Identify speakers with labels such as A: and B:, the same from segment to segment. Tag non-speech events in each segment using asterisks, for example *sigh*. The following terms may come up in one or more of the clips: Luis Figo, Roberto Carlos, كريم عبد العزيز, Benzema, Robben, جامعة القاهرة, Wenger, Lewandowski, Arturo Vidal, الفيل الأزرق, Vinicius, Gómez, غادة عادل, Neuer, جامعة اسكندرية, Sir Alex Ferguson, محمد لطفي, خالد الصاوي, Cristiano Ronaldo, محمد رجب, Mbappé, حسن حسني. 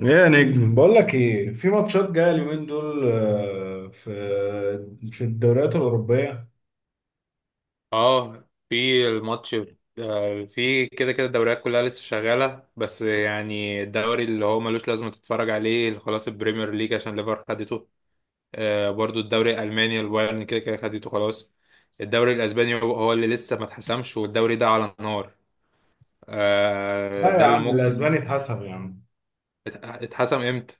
A: يا نجم، بقول لك ايه؟ في ماتشات جايه اليومين دول. في الدوريات الاوروبيه.
B: اه، في الماتش. في كده كده الدوريات كلها لسه شغالة، بس يعني الدوري اللي هو ملوش لازمة تتفرج عليه خلاص البريمير ليج عشان ليفر خدته. برضو الدوري الألماني البايرن كده كده خدته خلاص. الدوري الأسباني هو هو اللي لسه ما اتحسمش، والدوري ده على النار.
A: لا يا
B: ده اللي
A: عم،
B: ممكن.
A: الاسباني اتحسب يا عم.
B: ات- اتحسم امتى؟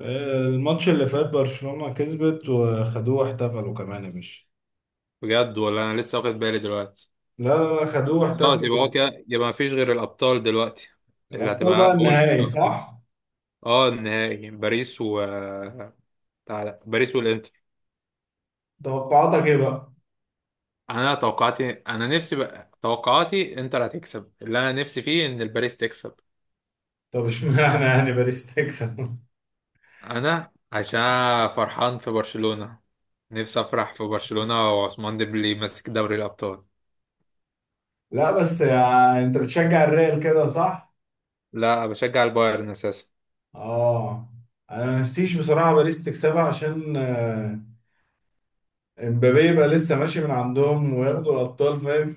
A: الماتش اللي فات برشلونه كسبت وخدوه واحتفلوا كمان يا باشا.
B: بجد؟ ولا أنا لسه واخد بالي دلوقتي.
A: لا، لا، لا، خدوه
B: خلاص، يبقى
A: واحتفلوا.
B: هو كده، يبقى ما فيش غير الأبطال دلوقتي، اللي
A: الابطال
B: هتبقى
A: بقى
B: أول
A: النهائي،
B: الشهر.
A: صح؟
B: اه، النهائي باريس و باريس والانتر.
A: توقعاتك ايه بقى؟
B: انا توقعاتي، انا نفسي بقى، توقعاتي انتر هتكسب، اللي انا نفسي فيه ان الباريس تكسب.
A: طب اشمعنى يعني باريس تكسب؟
B: انا عشان فرحان في برشلونة، نفسي افرح في برشلونة، وعثمان ديمبلي ماسك دوري الابطال.
A: *laughs* لا، بس يعني انت بتشجع الريال كده، صح؟
B: لا، بشجع البايرن اساسا.
A: اه، انا ما نفسيش بصراحه باريس تكسبها عشان امبابي يبقى لسه ماشي من عندهم وياخدوا الابطال، فاهم؟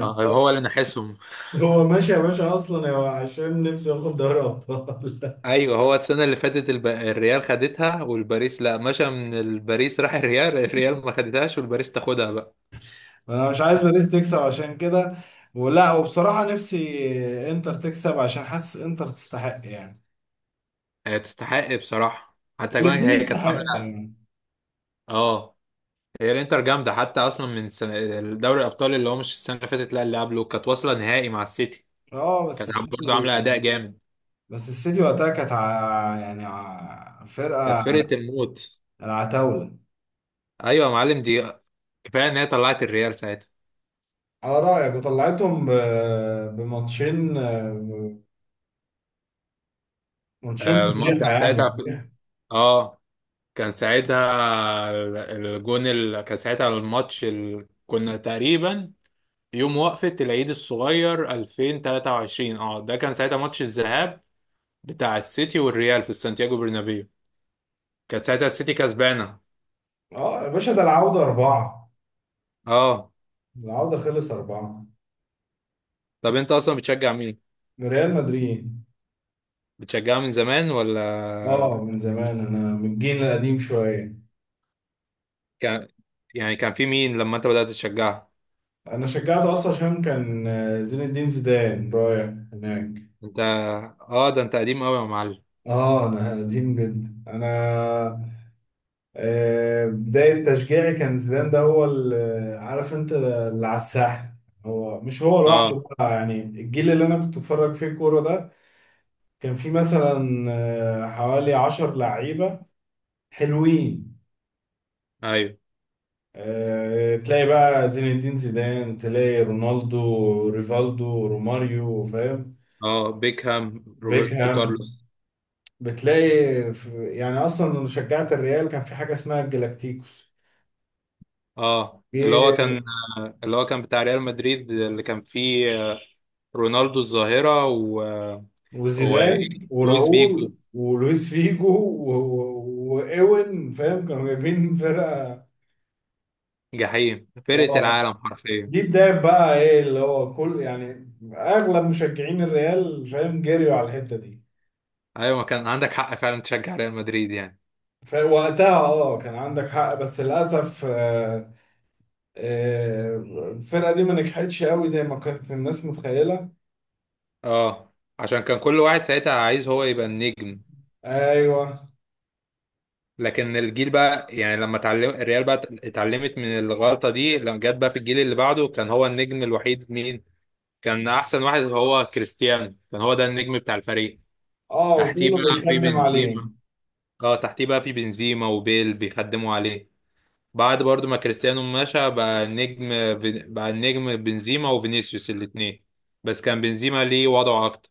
B: اه، هو اللي نحسهم.
A: *laughs* هو ماشي يا باشا، اصلا هو عشان نفسه ياخد دوري ابطال.
B: ايوه، هو السنة اللي فاتت الريال خدتها، والباريس لا، مشى من الباريس راح الريال *laughs* الريال ما خدتهاش والباريس تاخدها بقى.
A: *laughs* انا مش عايز باريس تكسب عشان كده، ولا. وبصراحة نفسي انتر تكسب، عشان حاسس انتر تستحق يعني.
B: هي تستحق بصراحة، حتى كمان
A: الاتنين
B: هي كانت
A: يستحقوا
B: عاملة.
A: يعني.
B: اه، هي الانتر جامده، حتى اصلا من سنة دوري الابطال، اللي هو مش السنه اللي فاتت، لا اللي قبله، كانت واصله نهائي مع السيتي،
A: اه، بس
B: كانت برضه
A: السيتي.
B: عامله اداء جامد.
A: وقتها كانت
B: كانت
A: فرقة
B: فرقه الموت.
A: العتاولة.
B: ايوه يا معلم، دي كفايه ان هي طلعت الريال ساعتها.
A: على رأيك، وطلعتهم بماتشين. ماتشين فضيحة
B: كان ساعتها
A: يعني.
B: اه، كان ساعتها الجون كان ساعتها الماتش كنا تقريبا يوم وقفة العيد الصغير 2023. اه، ده كان ساعتها ماتش الذهاب بتاع السيتي والريال في سانتياغو برنابيو، كانت ساعتها السيتي كسبانه.
A: اه يا باشا، ده العودة أربعة.
B: اه.
A: العودة خلص أربعة.
B: طب انت اصلا بتشجع مين؟
A: ريال مدريد.
B: بتشجعها من زمان
A: اه،
B: ولا؟
A: من زمان، أنا من الجيل القديم شوية.
B: كان، يعني كان في مين لما انت بدأت تشجعها؟
A: أنا شجعته أصلا عشان كان زين الدين زيدان رايح هناك.
B: انت؟ اه، ده انت قديم قوي يا معلم.
A: اه، أنا قديم جدا أنا. بداية تشجيعي كان زيدان، ده هو اللي عارف أنت، اللي على الساحة. هو مش هو لوحده
B: اه.
A: بقى يعني. الجيل اللي أنا كنت بتفرج فيه كورة ده كان فيه مثلا حوالي 10 لعيبة حلوين.
B: ايوه.
A: تلاقي بقى زين الدين زيدان، تلاقي رونالدو، ريفالدو، روماريو، فاهم؟
B: اه، بيكهام، روبرتو
A: بيكهام.
B: كارلوس.
A: بتلاقي في يعني، اصلا لما شجعت الريال كان في حاجه اسمها الجلاكتيكوس.
B: اه اللي هو
A: جه
B: كان. اللي هو كان بتاع ريال مدريد اللي كان فيه، آه، رونالدو الظاهرة و و ايه؟
A: وزيدان
B: لويس بيجو،
A: وراؤول ولويس فيجو وايوين، فاهم؟ كانوا جايبين فرقه.
B: جحيم، فرقة
A: اه،
B: العالم حرفيا.
A: دي بدايه بقى ايه اللي هو، كل يعني اغلب مشجعين الريال، فاهم، جريوا على الحته دي.
B: ايوه، ما كان عندك حق فعلا تشجع ريال مدريد يعني.
A: فوقتها اه كان عندك حق، بس للاسف آه، الفرقه دي ما نجحتش قوي زي ما كانت الناس متخيله.
B: اه، عشان كان كل واحد ساعتها عايز هو يبقى النجم.
A: ايوه.
B: لكن الجيل بقى، يعني لما اتعلم الريال بقى، اتعلمت من الغلطة دي، لما جت بقى في الجيل اللي بعده كان هو النجم الوحيد مين؟ كان أحسن واحد هو كريستيانو، كان هو ده النجم بتاع الفريق.
A: اه،
B: تحتيه
A: وكله
B: بقى في
A: بيخدم عليه.
B: بنزيما. اه، تحتيه بقى في بنزيما وبيل، بيخدموا عليه. بعد برضو ما كريستيانو مشى، بقى النجم، بقى النجم بنزيما وفينيسيوس الاتنين. بس كان بنزيما ليه وضعه أكتر.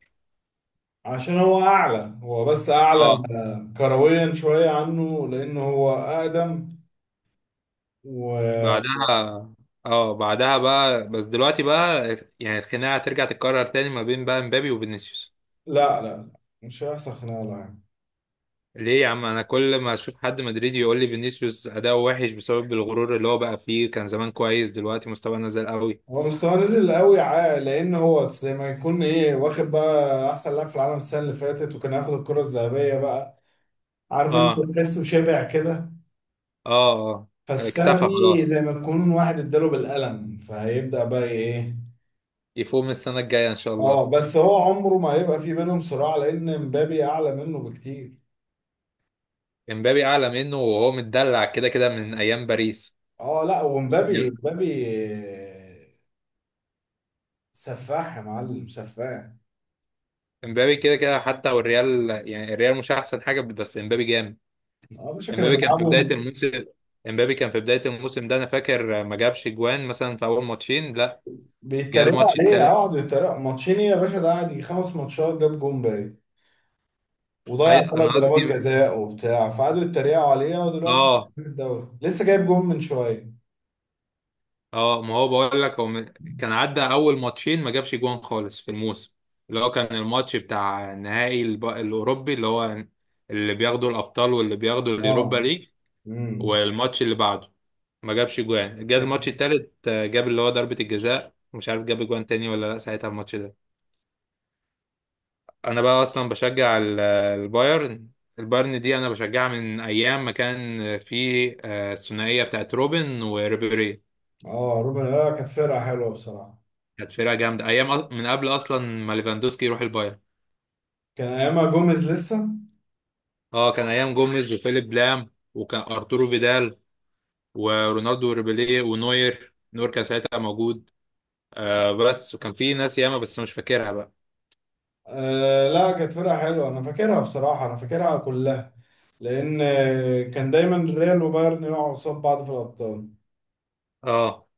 A: عشان هو اعلى، هو بس اعلى
B: اه.
A: كرويا شويه عنه لانه هو اقدم. و
B: بعدها، اه، بعدها بقى، بس دلوقتي بقى يعني الخناقه هترجع تتكرر تاني ما بين بقى مبابي وفينيسيوس.
A: لا، لا، لا، مش هيحصل خناقه يعني.
B: ليه يا عم؟ انا كل ما اشوف حد مدريدي يقول لي فينيسيوس اداؤه وحش بسبب الغرور اللي هو بقى فيه، كان زمان كويس، دلوقتي مستواه نزل قوي.
A: هو مستواه نزل قوي، لان هو زي ما يكون ايه، واخد بقى احسن لاعب في العالم السنه اللي فاتت وكان هياخد الكره الذهبيه بقى. عارف انت،
B: اه.
A: تحسه شبع كده.
B: اه اه.
A: فالسنة
B: اكتفى
A: دي
B: خلاص،
A: زي ما تكون واحد اداله بالقلم، فهيبدأ بقى ايه.
B: يفوق السنه الجايه ان شاء الله.
A: اه، بس هو عمره ما هيبقى في بينهم صراع، لأن مبابي أعلى منه بكتير.
B: امبابي اعلى منه، وهو متدلع كده كده من ايام باريس.
A: اه، لا، ومبابي مبابي سفاح يا معلم، سفاح.
B: امبابي كده كده، حتى والريال يعني الريال مش احسن حاجه، بس امبابي جامد.
A: اه يا باشا، كانوا
B: امبابي كان في
A: بيلعبوا.
B: بداية الموسم، امبابي كان في بداية الموسم ده، انا فاكر ما جابش جوان مثلا في اول ماتشين لا. جه
A: بيتريقوا
B: الماتش
A: عليه، اه،
B: التالت.
A: قعدوا يتريقوا ماتشين يا باشا، ده قعد يجي 5 ماتشات جاب جون باين. وضيع
B: اي،
A: ثلاث
B: انا
A: ضربات
B: قصدي،
A: جزاء وبتاع، فقعدوا يتريقوا عليه. ودلوقتي
B: اه
A: في الدوري لسه جايب جون من شوية.
B: اه، ما هو بقول لك هو، كان عدى اول ماتشين ما جابش جوان خالص في الموسم، اللي هو كان الماتش بتاع نهائي الاوروبي اللي هو، اللي بياخدوا الابطال واللي بياخدوا اليوروبا
A: اه.
B: ليج.
A: امم
B: والماتش اللي بعده ما جابش جوان. جه الماتش التالت، آه، جاب اللي هو ضربة الجزاء، مش عارف جاب جوان تاني ولا لا ساعتها الماتش ده. انا بقى اصلا بشجع البايرن. البايرن دي انا بشجعها من ايام ما كان في، آه، الثنائيه بتاعت روبن وريبيري.
A: اه، روبن، لا كانت فرقة حلوة بصراحة.
B: كانت فرقه جامده ايام، من قبل اصلا ما ليفاندوسكي يروح البايرن.
A: كان ايامها جوميز لسه.
B: اه، كان ايام جوميز وفيليب لام، وكان ارتورو فيدال ورونالدو وريبيري ونوير، نوير كان ساعتها موجود. آه بس. وكان في ناس ياما بس مش فاكرها بقى.
A: لا، كانت فرقة حلوة، انا فاكرها بصراحة، انا فاكرها كلها. لان كان دايما ريال وبايرن يقعوا قصاد بعض في الابطال.
B: اه.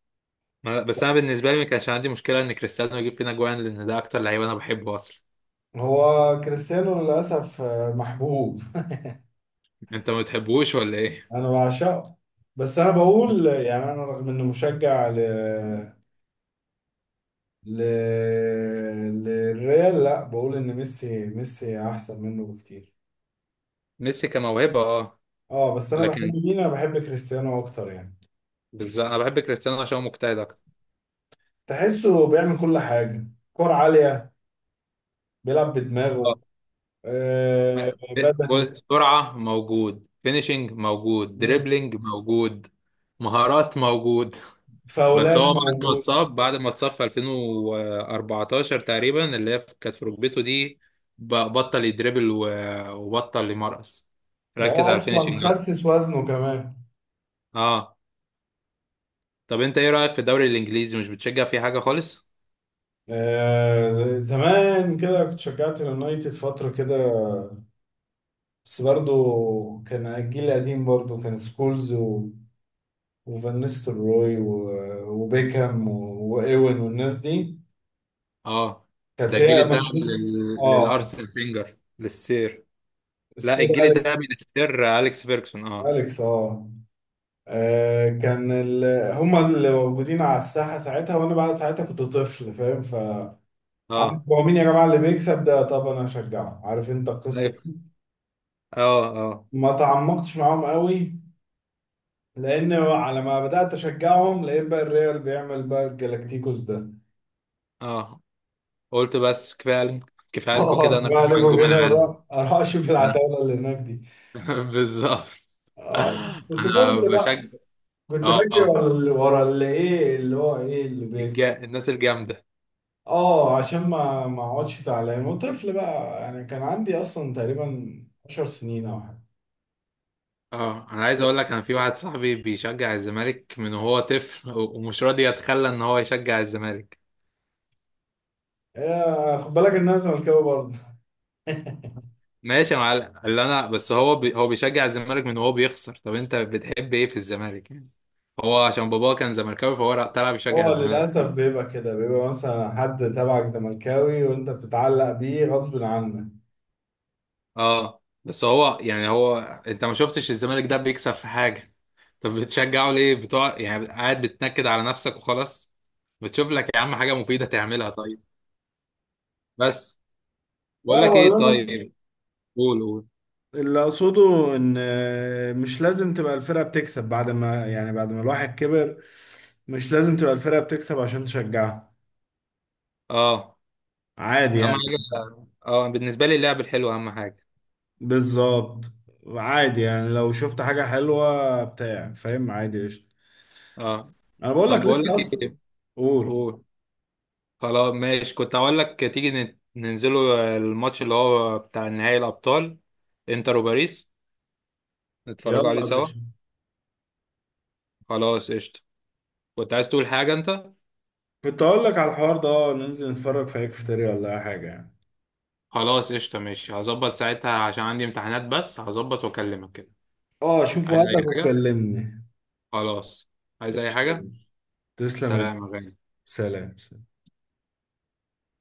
B: بس انا بالنسبه لي ما كانش عندي مشكله ان كريستيانو يجيب فينا جوان، لان ده اكتر لعيب انا بحبه اصلا.
A: هو كريستيانو للاسف محبوب.
B: انت ما بتحبوش ولا ايه؟
A: انا بعشقه. بس انا بقول يعني، انا رغم اني مشجع ل ل للريال، لا بقول ان ميسي ميسي احسن منه بكتير.
B: ميسي كموهبة اه،
A: اه، بس انا بحب
B: لكن
A: مين؟ انا بحب كريستيانو اكتر يعني.
B: بالظبط، انا بحب كريستيانو عشان هو مجتهد اكتر.
A: تحسه بيعمل كل حاجة: كور عالية، بيلعب بدماغه،
B: آه.
A: بدني.
B: بص، سرعة موجود، فينيشنج موجود،
A: مم.
B: دريبلينج موجود، مهارات موجود. بس
A: فاولات
B: هو بعد ما
A: موجود.
B: اتصاب، في 2014 تقريبا، اللي هي كانت في ركبته دي، بطل يدريبل، وبطل يمرقص.
A: ده
B: ركز
A: هو
B: على
A: أصلا
B: الفينيشنج أكتر.
A: خسس وزنه كمان.
B: اه. طب انت ايه رأيك في الدوري الانجليزي؟ مش بتشجع فيه حاجة خالص؟
A: زمان كده كنت شجعت اليونايتد فترة كده. بس برضه كان الجيل القديم، برضه كان سكولز وفان نيستلروي وبيكهام وإيوين والناس دي.
B: اه. ده
A: كانت هي
B: الجيل ده
A: مانشستر. اه،
B: للارسنال فينجر، للسير. لا،
A: السير
B: الجيل ده
A: أليكس.
B: من السير اليكس فيرجسون. اه.
A: أليكس، اه. آه، كان ال... هما اللي موجودين على الساحة ساعتها، وأنا بقى ساعتها كنت طفل فاهم، فعارف
B: اه.
A: هو مين يا جماعة اللي بيكسب ده، طب أنا هشجعه. عارف أنت القصة.
B: ايوه. اه اه
A: ما تعمقتش معاهم قوي، لأن على ما بدأت أشجعهم لقيت بقى الريال بيعمل بقى الجلاكتيكوس ده. *laughs*
B: اه. قلت بس، كفايه عليكم كده،
A: اه،
B: انا
A: بقى
B: رايح مع
A: عليكم
B: نجوم
A: كده،
B: العالم.
A: أروح أروح أشوف العتاولة اللي هناك دي.
B: *laughs* بالظبط.
A: آه، كنت
B: انا
A: طفل
B: بشجع.
A: بقى. كنت
B: اه
A: بجري
B: اه.
A: ورا ورا اللي إيه اللي هو إيه اللي بيكسب.
B: الناس الجامده.
A: اه، عشان ما اقعدش زعلان، وطفل بقى يعني. كان عندي اصلا تقريبا 10 سنين او حاجه.
B: اه، انا عايز اقول لك انا، في واحد صاحبي بيشجع الزمالك من وهو طفل، ومش راضي يتخلى ان هو يشجع الزمالك.
A: خد بالك ان انا زملكاوي برضه.
B: ماشي يا معلم، اللي انا بس هو هو بيشجع الزمالك من وهو بيخسر. طب انت بتحب ايه في الزمالك يعني؟ هو عشان باباه كان زملكاوي، فهو طلع
A: *laughs*
B: بيشجع
A: هو
B: الزمالك.
A: للاسف بيبقى كده، بيبقى مثلا حد تبعك زملكاوي وانت بتتعلق بيه غصب عنك.
B: اه، بس هو يعني هو، انت ما شفتش الزمالك ده بيكسب في حاجة؟ طب بتشجعه ليه بتوع يعني؟ قاعد بتنكد على نفسك وخلاص. بتشوف لك يا عم حاجة مفيدة تعملها طيب. بس.
A: لا
B: بقول لك
A: هو اللي
B: ايه؟
A: انا
B: طيب. قول قول.
A: اللي اقصده ان مش لازم تبقى الفرقه بتكسب بعد ما يعني بعد ما الواحد كبر. مش لازم تبقى الفرقه بتكسب عشان تشجعها.
B: اه،
A: عادي
B: اهم
A: يعني.
B: حاجة. اه، بالنسبة لي اللعب الحلو اهم حاجة.
A: بالظبط. عادي يعني، لو شفت حاجة حلوة بتاع، فاهم، عادي قشطة.
B: اه.
A: أنا بقول لك
B: طب بقول
A: لسه
B: لك
A: أصلا.
B: ايه؟
A: قول.
B: قول. خلاص ماشي، كنت هقول لك تيجي ننزلوا الماتش اللي هو بتاع نهائي الأبطال، انتر وباريس،
A: يلا
B: نتفرجوا عليه
A: يا
B: سوا.
A: باشا.
B: خلاص قشطة. كنت عايز تقول حاجة انت؟
A: كنت أقول لك على الحوار ده، ننزل نتفرج في هيكفتري ولا أي حاجة يعني.
B: خلاص قشطة ماشي، هظبط ساعتها عشان عندي امتحانات، بس هظبط واكلمك كده.
A: أه، شوف
B: عايز أي
A: وقتك
B: حاجة؟
A: وكلمني.
B: خلاص. عايز أي حاجة.
A: قشطة. تسلم
B: سلام يا غالي.
A: سلام.